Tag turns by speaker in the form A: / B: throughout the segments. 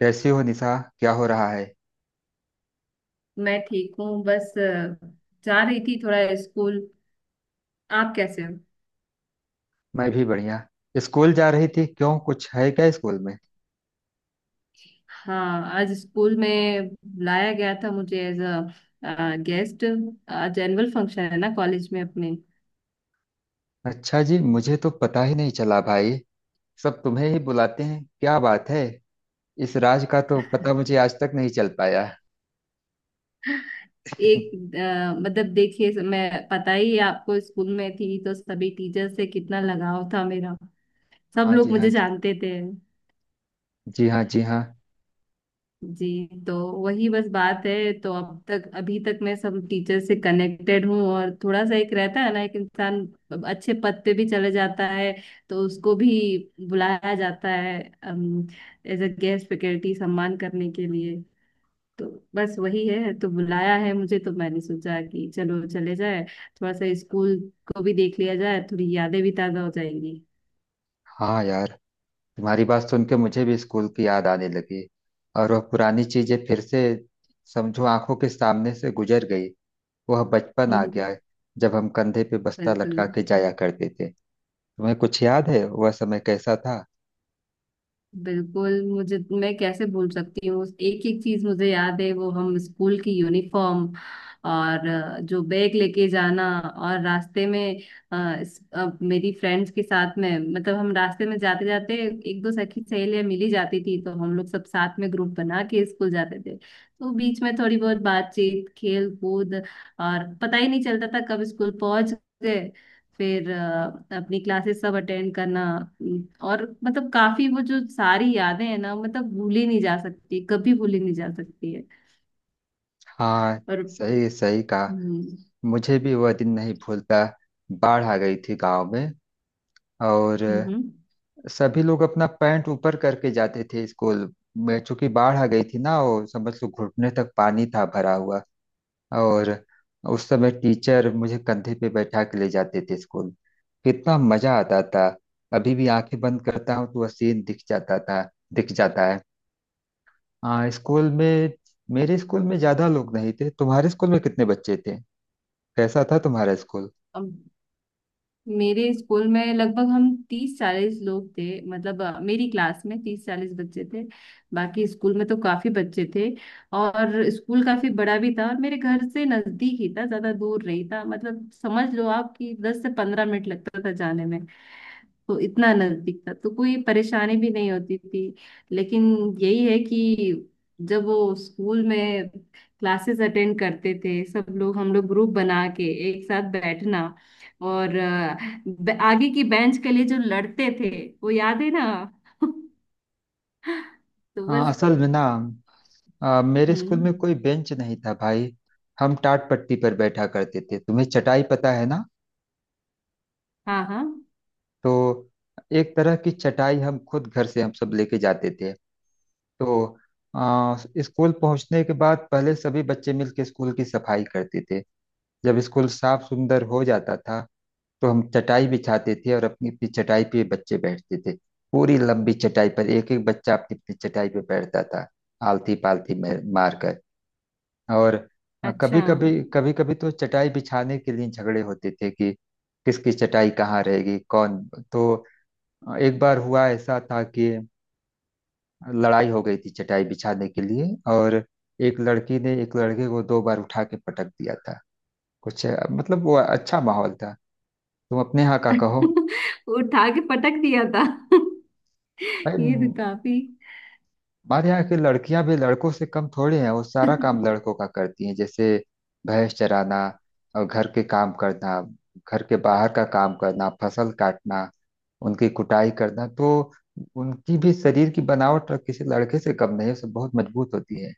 A: कैसी हो निशा? क्या हो रहा है?
B: मैं ठीक हूँ बस जा रही थी थोड़ा स्कूल। आप कैसे हो?
A: मैं भी बढ़िया। स्कूल जा रही थी, क्यों? कुछ है क्या स्कूल में?
B: हाँ, आज स्कूल में लाया गया था मुझे एज अ गेस्ट। आज एनुअल फंक्शन है ना कॉलेज में अपने।
A: अच्छा जी, मुझे तो पता ही नहीं चला भाई। सब तुम्हें ही बुलाते हैं, क्या बात है। इस राज का तो पता मुझे आज तक नहीं चल पाया।
B: एक मतलब देखिए, मैं, पता ही है आपको, स्कूल में थी तो सभी टीचर से कितना लगाव था मेरा। सब
A: हाँ
B: लोग
A: जी, हाँ
B: मुझे
A: जी।
B: जानते थे।
A: जी हाँ, जी हाँ।
B: जी, तो वही बस बात है तो अब तक, अभी तक मैं सब टीचर से कनेक्टेड हूँ, और थोड़ा सा एक रहता है ना, एक इंसान अच्छे पद पे भी चले जाता है तो उसको भी बुलाया जाता है एज अ गेस्ट फैकल्टी सम्मान करने के लिए। तो बस वही है, तो बुलाया है मुझे तो मैंने सोचा कि चलो चले जाए, थोड़ा सा स्कूल को भी देख लिया जाए, थोड़ी यादें भी ताजा हो जाएंगी।
A: हाँ यार, तुम्हारी बात सुन के मुझे भी स्कूल की याद आने लगी। और वह पुरानी चीजें फिर से समझो आंखों के सामने से गुजर गई। वह बचपन आ गया, जब हम कंधे पे बस्ता
B: बिल्कुल।
A: लटका के जाया करते थे। तुम्हें कुछ याद है वह समय कैसा था?
B: बिल्कुल, मुझे मैं कैसे भूल सकती हूँ, एक एक चीज मुझे याद है, वो हम स्कूल की यूनिफॉर्म और जो बैग लेके जाना और रास्ते में मेरी फ्रेंड्स के साथ में, मतलब हम रास्ते में जाते जाते एक दो सखी सहेलियां मिली जाती थी तो हम लोग सब साथ में ग्रुप बना के स्कूल जाते थे, तो बीच में थोड़ी बहुत बातचीत, खेल कूद, और पता ही नहीं चलता था कब स्कूल पहुंच गए। फिर अपनी क्लासेस सब अटेंड करना। और मतलब काफी, वो जो सारी यादें हैं ना, मतलब भूली नहीं जा सकती, कभी भूली नहीं जा सकती है।
A: हाँ,
B: और
A: सही सही कहा।
B: हम्म।
A: मुझे भी वह दिन नहीं भूलता। बाढ़ आ गई थी गांव में, और सभी लोग अपना पैंट ऊपर करके जाते थे स्कूल में, चूंकि बाढ़ आ गई थी ना, वो समझ लो घुटने तक पानी था भरा हुआ। और उस समय टीचर मुझे कंधे पे बैठा के ले जाते थे स्कूल। कितना मजा आता था। अभी भी आंखें बंद करता हूँ तो वह सीन दिख जाता था। दिख जाता है। हाँ, स्कूल में। मेरे स्कूल में ज्यादा लोग नहीं थे। तुम्हारे स्कूल में कितने बच्चे थे? कैसा था तुम्हारा स्कूल?
B: हम्म, मेरे स्कूल में लगभग हम 30 40 लोग थे, मतलब मेरी क्लास में 30 40 बच्चे थे। बाकी स्कूल में तो काफी बच्चे थे, और स्कूल काफी बड़ा भी था, और मेरे घर से नजदीक ही था, ज्यादा दूर नहीं था, मतलब समझ लो आप कि 10 से 15 मिनट लगता था जाने में। तो इतना नजदीक था तो कोई परेशानी भी नहीं होती थी। लेकिन यही है कि जब वो स्कूल में क्लासेस अटेंड करते थे सब लोग, हम लोग ग्रुप बना के एक साथ बैठना, और आगे की बेंच के लिए जो लड़ते थे, वो याद है ना। तो
A: हाँ,
B: बस।
A: असल में ना मेरे स्कूल
B: हम्म।
A: में कोई बेंच नहीं था भाई। हम टाट पट्टी पर बैठा करते थे, तुम्हें चटाई पता है ना?
B: हाँ, हाँ।
A: तो एक तरह की चटाई हम खुद घर से हम सब लेके जाते थे। तो आ, स्कूल पहुंचने के बाद पहले सभी बच्चे मिलके स्कूल की सफाई करते थे। जब स्कूल साफ सुंदर हो जाता था, तो हम चटाई बिछाते थे और अपनी अपनी चटाई पे बच्चे बैठते थे। पूरी लंबी चटाई पर एक एक बच्चा अपनी अपनी चटाई पे बैठता था, आलती पालती मार कर। और
B: अच्छा।
A: कभी कभी तो चटाई बिछाने के लिए झगड़े होते थे कि किसकी चटाई कहाँ रहेगी, कौन। तो एक बार हुआ ऐसा था कि लड़ाई हो गई थी चटाई बिछाने के लिए, और एक लड़की ने एक लड़के को दो बार उठा के पटक दिया था। कुछ मतलब वो अच्छा माहौल था। तुम अपने यहाँ का कहो।
B: उठा के पटक दिया था।
A: भाई,
B: ये तो काफी।
A: हमारे यहाँ की लड़कियां भी लड़कों से कम थोड़ी हैं, वो सारा काम लड़कों का करती हैं, जैसे भैंस चराना, और घर के काम करना, घर के बाहर का काम करना, फसल काटना, उनकी कुटाई करना। तो उनकी भी शरीर की बनावट किसी लड़के से कम नहीं है, सब बहुत मजबूत होती है।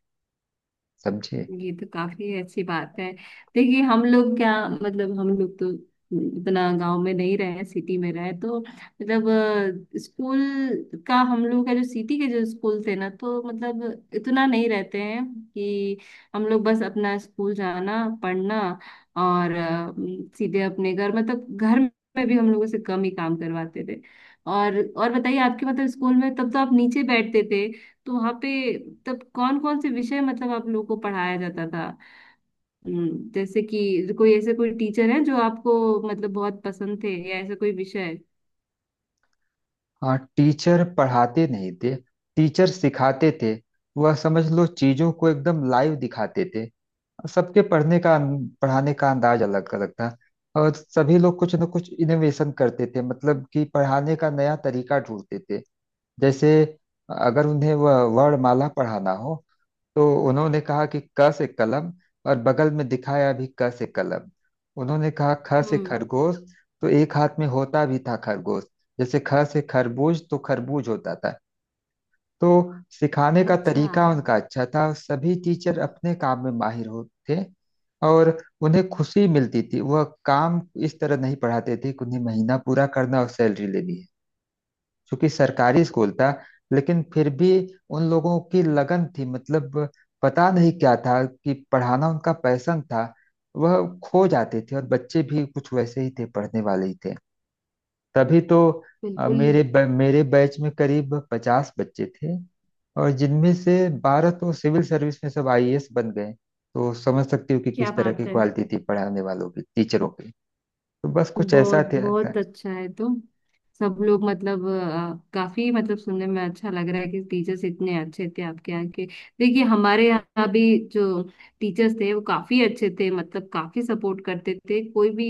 A: समझे?
B: ये तो काफी अच्छी बात है। देखिए हम लोग क्या, मतलब हम लोग तो इतना गांव में नहीं रहे, सिटी में रहे, तो मतलब स्कूल का, हम लोग का जो सिटी के जो स्कूल थे ना, तो मतलब इतना नहीं रहते हैं कि हम लोग बस अपना स्कूल जाना, पढ़ना, और सीधे अपने घर, मतलब घर में भी हम लोगों से कम ही काम करवाते थे। और और बताइए, आपके मतलब स्कूल में तब तो आप नीचे बैठते थे, तो वहाँ पे तब कौन कौन से विषय मतलब आप लोगों को पढ़ाया जाता था? जैसे कि कोई ऐसे कोई टीचर है जो आपको, मतलब बहुत पसंद थे, या ऐसा कोई विषय?
A: हाँ, टीचर पढ़ाते नहीं थे। टीचर सिखाते थे। वह समझ लो चीजों को एकदम लाइव दिखाते थे। सबके पढ़ने का, पढ़ाने का अंदाज अलग अलग था। और सभी लोग कुछ न कुछ इनोवेशन करते थे, मतलब कि पढ़ाने का नया तरीका ढूंढते थे। जैसे अगर उन्हें वह वर्णमाला पढ़ाना हो, तो उन्होंने कहा कि क से कलम, और बगल में दिखाया भी क से कलम। उन्होंने कहा ख से
B: हम्म।
A: खरगोश, तो एक हाथ में होता भी था खरगोश। जैसे ख से खरबूज तो खरबूज होता था। तो सिखाने का
B: अच्छा।
A: तरीका उनका अच्छा था, सभी टीचर अपने काम में माहिर होते। और उन्हें खुशी मिलती थी वह काम। इस तरह नहीं पढ़ाते थे कि उन्हें महीना पूरा करना और सैलरी लेनी है, क्योंकि सरकारी स्कूल था। लेकिन फिर भी उन लोगों की लगन थी, मतलब पता नहीं क्या था, कि पढ़ाना उनका पैशन था। वह खो जाते थे, और बच्चे भी कुछ वैसे ही थे, पढ़ने वाले ही थे। तभी तो
B: बिल्कुल।
A: मेरे मेरे बैच में करीब 50 बच्चे थे। और जिनमें से 12 तो सिविल सर्विस में सब आईएएस बन गए। तो समझ सकती हो कि
B: क्या
A: किस तरह की
B: बात है।
A: क्वालिटी थी पढ़ाने वालों की, टीचरों की। तो बस कुछ
B: बहुत
A: ऐसा था।
B: बहुत अच्छा है, तो सब लोग मतलब काफी, मतलब सुनने में अच्छा लग रहा है कि टीचर्स इतने अच्छे थे आपके यहाँ के। देखिए हमारे यहाँ भी जो टीचर्स थे वो काफी अच्छे थे, मतलब काफी सपोर्ट करते थे। कोई भी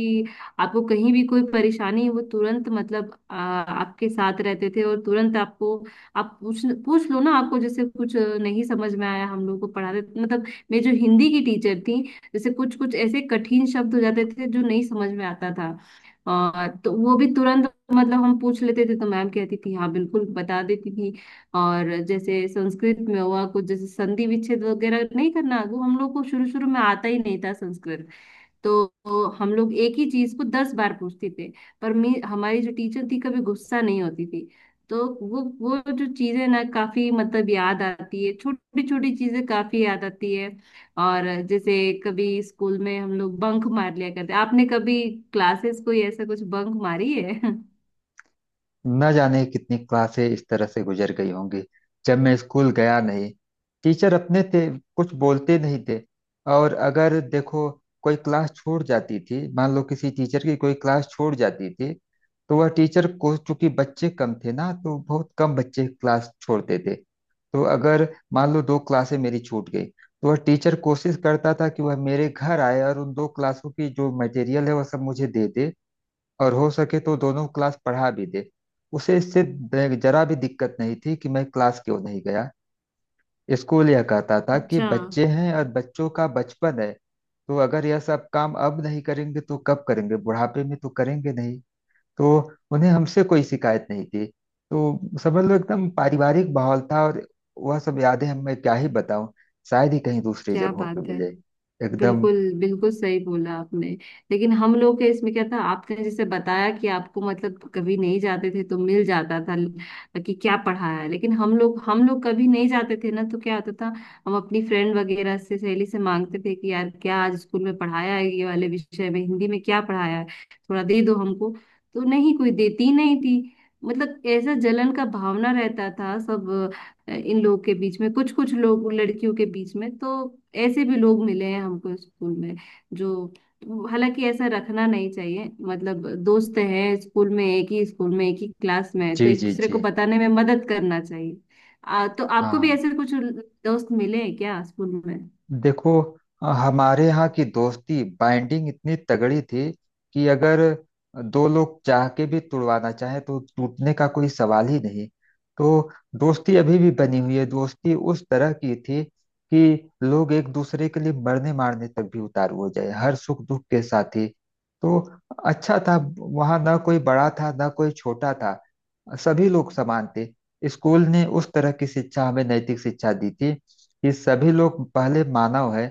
B: आपको कहीं भी कोई परेशानी है, वो तुरंत मतलब आपके साथ रहते थे, और तुरंत आपको, आप पूछ पूछ लो ना, आपको जैसे कुछ नहीं समझ में आया, हम लोग को पढ़ाते मतलब, मेरी जो हिंदी की टीचर थी, जैसे कुछ कुछ ऐसे कठिन शब्द हो जाते थे जो नहीं समझ में आता था, और तो वो भी तुरंत, मतलब हम पूछ लेते थे तो मैम कहती थी हाँ बिल्कुल, बता देती थी। और जैसे संस्कृत में हुआ कुछ, जैसे संधि विच्छेद वगैरह नहीं करना, वो हम लोग को शुरू शुरू में आता ही नहीं था संस्कृत। तो हम लोग एक ही चीज को 10 बार पूछते थे, पर मी हमारी जो टीचर थी कभी गुस्सा नहीं होती थी। तो वो जो चीजें ना काफी मतलब याद आती है, छोटी छोटी चीजें काफी याद आती है। और जैसे कभी स्कूल में हम लोग बंक मार लिया करते, आपने कभी क्लासेस कोई ऐसा कुछ बंक मारी है?
A: न जाने कितनी क्लासें इस तरह से गुजर गई होंगी, जब मैं स्कूल गया नहीं। टीचर अपने थे, कुछ बोलते नहीं थे। और अगर देखो कोई क्लास छूट जाती थी, मान लो किसी टीचर की कोई क्लास छूट जाती थी, तो वह टीचर को, चूंकि बच्चे कम थे ना, तो बहुत कम बच्चे क्लास छोड़ते थे। तो अगर मान लो दो क्लासें मेरी छूट गई, तो वह टीचर कोशिश करता था कि वह मेरे घर आए और उन दो क्लासों की जो मटेरियल है वह सब मुझे दे दे। और हो सके तो दोनों क्लास पढ़ा भी दे। उसे इससे जरा भी दिक्कत नहीं थी कि मैं क्लास क्यों नहीं गया। स्कूल यह कहता था कि
B: अच्छा।
A: बच्चे हैं और बच्चों का बचपन है, तो अगर यह सब काम अब नहीं करेंगे तो कब करेंगे, बुढ़ापे में तो करेंगे नहीं। तो उन्हें हमसे कोई शिकायत नहीं थी। तो समझ लो एकदम पारिवारिक माहौल था। और वह सब यादें हम मैं क्या ही बताऊं। शायद ही कहीं दूसरी
B: क्या
A: जगहों पे
B: बात है।
A: मिले। एकदम।
B: बिल्कुल, बिल्कुल सही बोला आपने। लेकिन हम लोग के इसमें क्या था, आपने जैसे बताया कि आपको मतलब कभी नहीं जाते थे तो मिल जाता था कि क्या पढ़ा है, लेकिन हम लोग कभी नहीं जाते थे ना तो क्या होता था? हम अपनी फ्रेंड वगैरह से, सहेली से मांगते थे कि यार क्या आज स्कूल में पढ़ाया है, ये वाले विषय में, हिंदी में क्या पढ़ाया है, थोड़ा दे दो हमको। तो नहीं, कोई देती नहीं थी, मतलब ऐसा जलन का भावना रहता था सब इन लोगों के बीच में, कुछ कुछ लोग, लड़कियों के बीच में तो ऐसे भी लोग मिले हैं हमको स्कूल में, जो, हालांकि ऐसा रखना नहीं चाहिए, मतलब दोस्त हैं, स्कूल में एक ही स्कूल में एक ही क्लास में है
A: जी
B: तो एक
A: जी
B: दूसरे
A: जी।
B: को बताने में मदद करना चाहिए। तो आपको भी
A: हाँ।
B: ऐसे कुछ दोस्त मिले हैं क्या स्कूल में?
A: देखो, हमारे यहाँ की दोस्ती बाइंडिंग इतनी तगड़ी थी, कि अगर दो लोग चाह के भी तुड़वाना चाहें तो टूटने का कोई सवाल ही नहीं। तो दोस्ती अभी भी बनी हुई है। दोस्ती उस तरह की थी कि लोग एक दूसरे के लिए मरने मारने तक भी उतारू हो जाए, हर सुख दुख के साथी। तो अच्छा था, वहाँ ना कोई बड़ा था ना कोई छोटा था, सभी लोग समान थे। स्कूल ने उस तरह की शिक्षा, हमें नैतिक शिक्षा दी थी, कि सभी लोग पहले मानव है,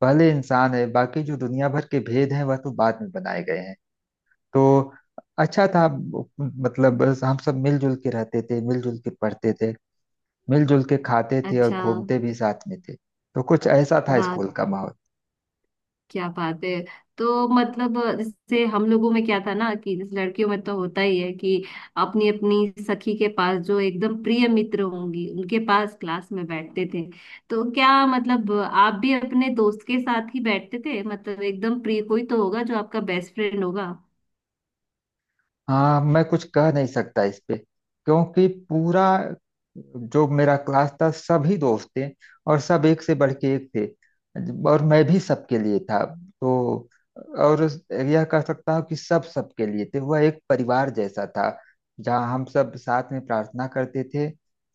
A: पहले इंसान है, बाकी जो दुनिया भर के भेद हैं वह तो बाद में बनाए गए हैं। तो अच्छा था, मतलब बस हम सब मिलजुल के रहते थे, मिलजुल के पढ़ते थे, मिलजुल के खाते थे, और
B: अच्छा।
A: घूमते भी साथ में थे, तो कुछ ऐसा था
B: वाह।
A: स्कूल का माहौल।
B: क्या बात है। तो मतलब जैसे हम लोगों में क्या था ना, कि जैसे लड़कियों में तो होता ही है कि अपनी अपनी सखी के पास, जो एकदम प्रिय मित्र होंगी, उनके पास क्लास में बैठते थे। तो क्या मतलब आप भी अपने दोस्त के साथ ही बैठते थे, मतलब एकदम प्रिय कोई तो होगा जो आपका बेस्ट फ्रेंड होगा।
A: हाँ, मैं कुछ कह नहीं सकता इस पे, क्योंकि पूरा जो मेरा क्लास था, सभी दोस्त थे, और सब एक से बढ़ के एक थे, और मैं भी सबके लिए था। तो, और यह कह सकता हूँ कि सब सबके लिए थे, वह एक परिवार जैसा था, जहाँ हम सब साथ में प्रार्थना करते थे,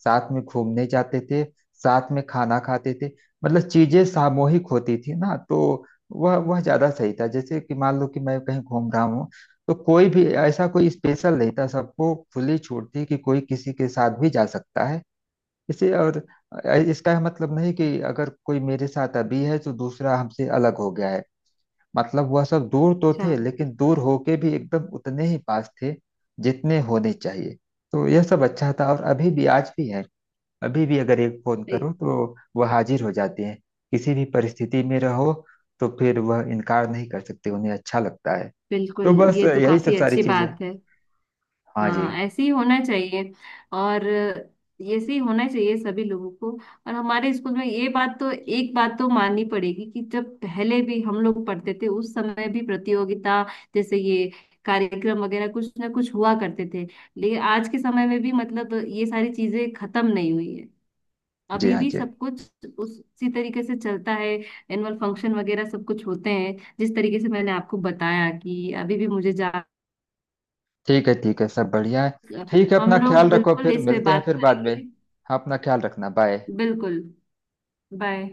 A: साथ में घूमने जाते थे, साथ में खाना खाते थे। मतलब चीजें सामूहिक होती थी ना, तो वह ज्यादा सही था। जैसे कि मान लो कि मैं कहीं घूम रहा हूँ, तो कोई भी ऐसा कोई स्पेशल नहीं था, सबको खुली छूट थी कि कोई किसी के साथ भी जा सकता है। इसे, और इसका यह मतलब नहीं कि अगर कोई मेरे साथ अभी है तो दूसरा हमसे अलग हो गया है। मतलब वह सब दूर तो
B: अच्छा।
A: थे, लेकिन दूर होके भी एकदम उतने ही पास थे, जितने होने चाहिए। तो यह सब अच्छा था, और अभी भी, आज भी है। अभी भी अगर एक फोन
B: ए-
A: करो तो वह हाजिर हो जाते हैं, किसी भी परिस्थिति में रहो। तो फिर वह इनकार नहीं कर सकते, उन्हें अच्छा लगता है।
B: बिल्कुल,
A: तो बस
B: ये तो
A: यही
B: काफी
A: सब सारी
B: अच्छी
A: चीजें।
B: बात है।
A: हाँ जी।
B: हाँ, ऐसे ही होना चाहिए। और ऐसे ही होना चाहिए सभी लोगों को। और हमारे स्कूल में ये बात तो, एक बात तो माननी पड़ेगी कि जब पहले भी हम लोग पढ़ते थे उस समय भी प्रतियोगिता, जैसे ये कार्यक्रम वगैरह कुछ ना कुछ हुआ करते थे। लेकिन आज के समय में भी, मतलब, ये सारी चीजें खत्म नहीं हुई है,
A: जी
B: अभी
A: हाँ
B: भी
A: जी।
B: सब कुछ उसी तरीके से चलता है। एनुअल फंक्शन वगैरह सब कुछ होते हैं, जिस तरीके से मैंने आपको बताया कि अभी भी मुझे,
A: ठीक है, ठीक है, सब बढ़िया है। ठीक है,
B: हम
A: अपना ख्याल
B: लोग
A: रखो,
B: बिल्कुल
A: फिर
B: इस पे
A: मिलते हैं
B: बात
A: फिर बाद में।
B: करेंगे।
A: हाँ, अपना ख्याल रखना, बाय।
B: बिल्कुल। बाय।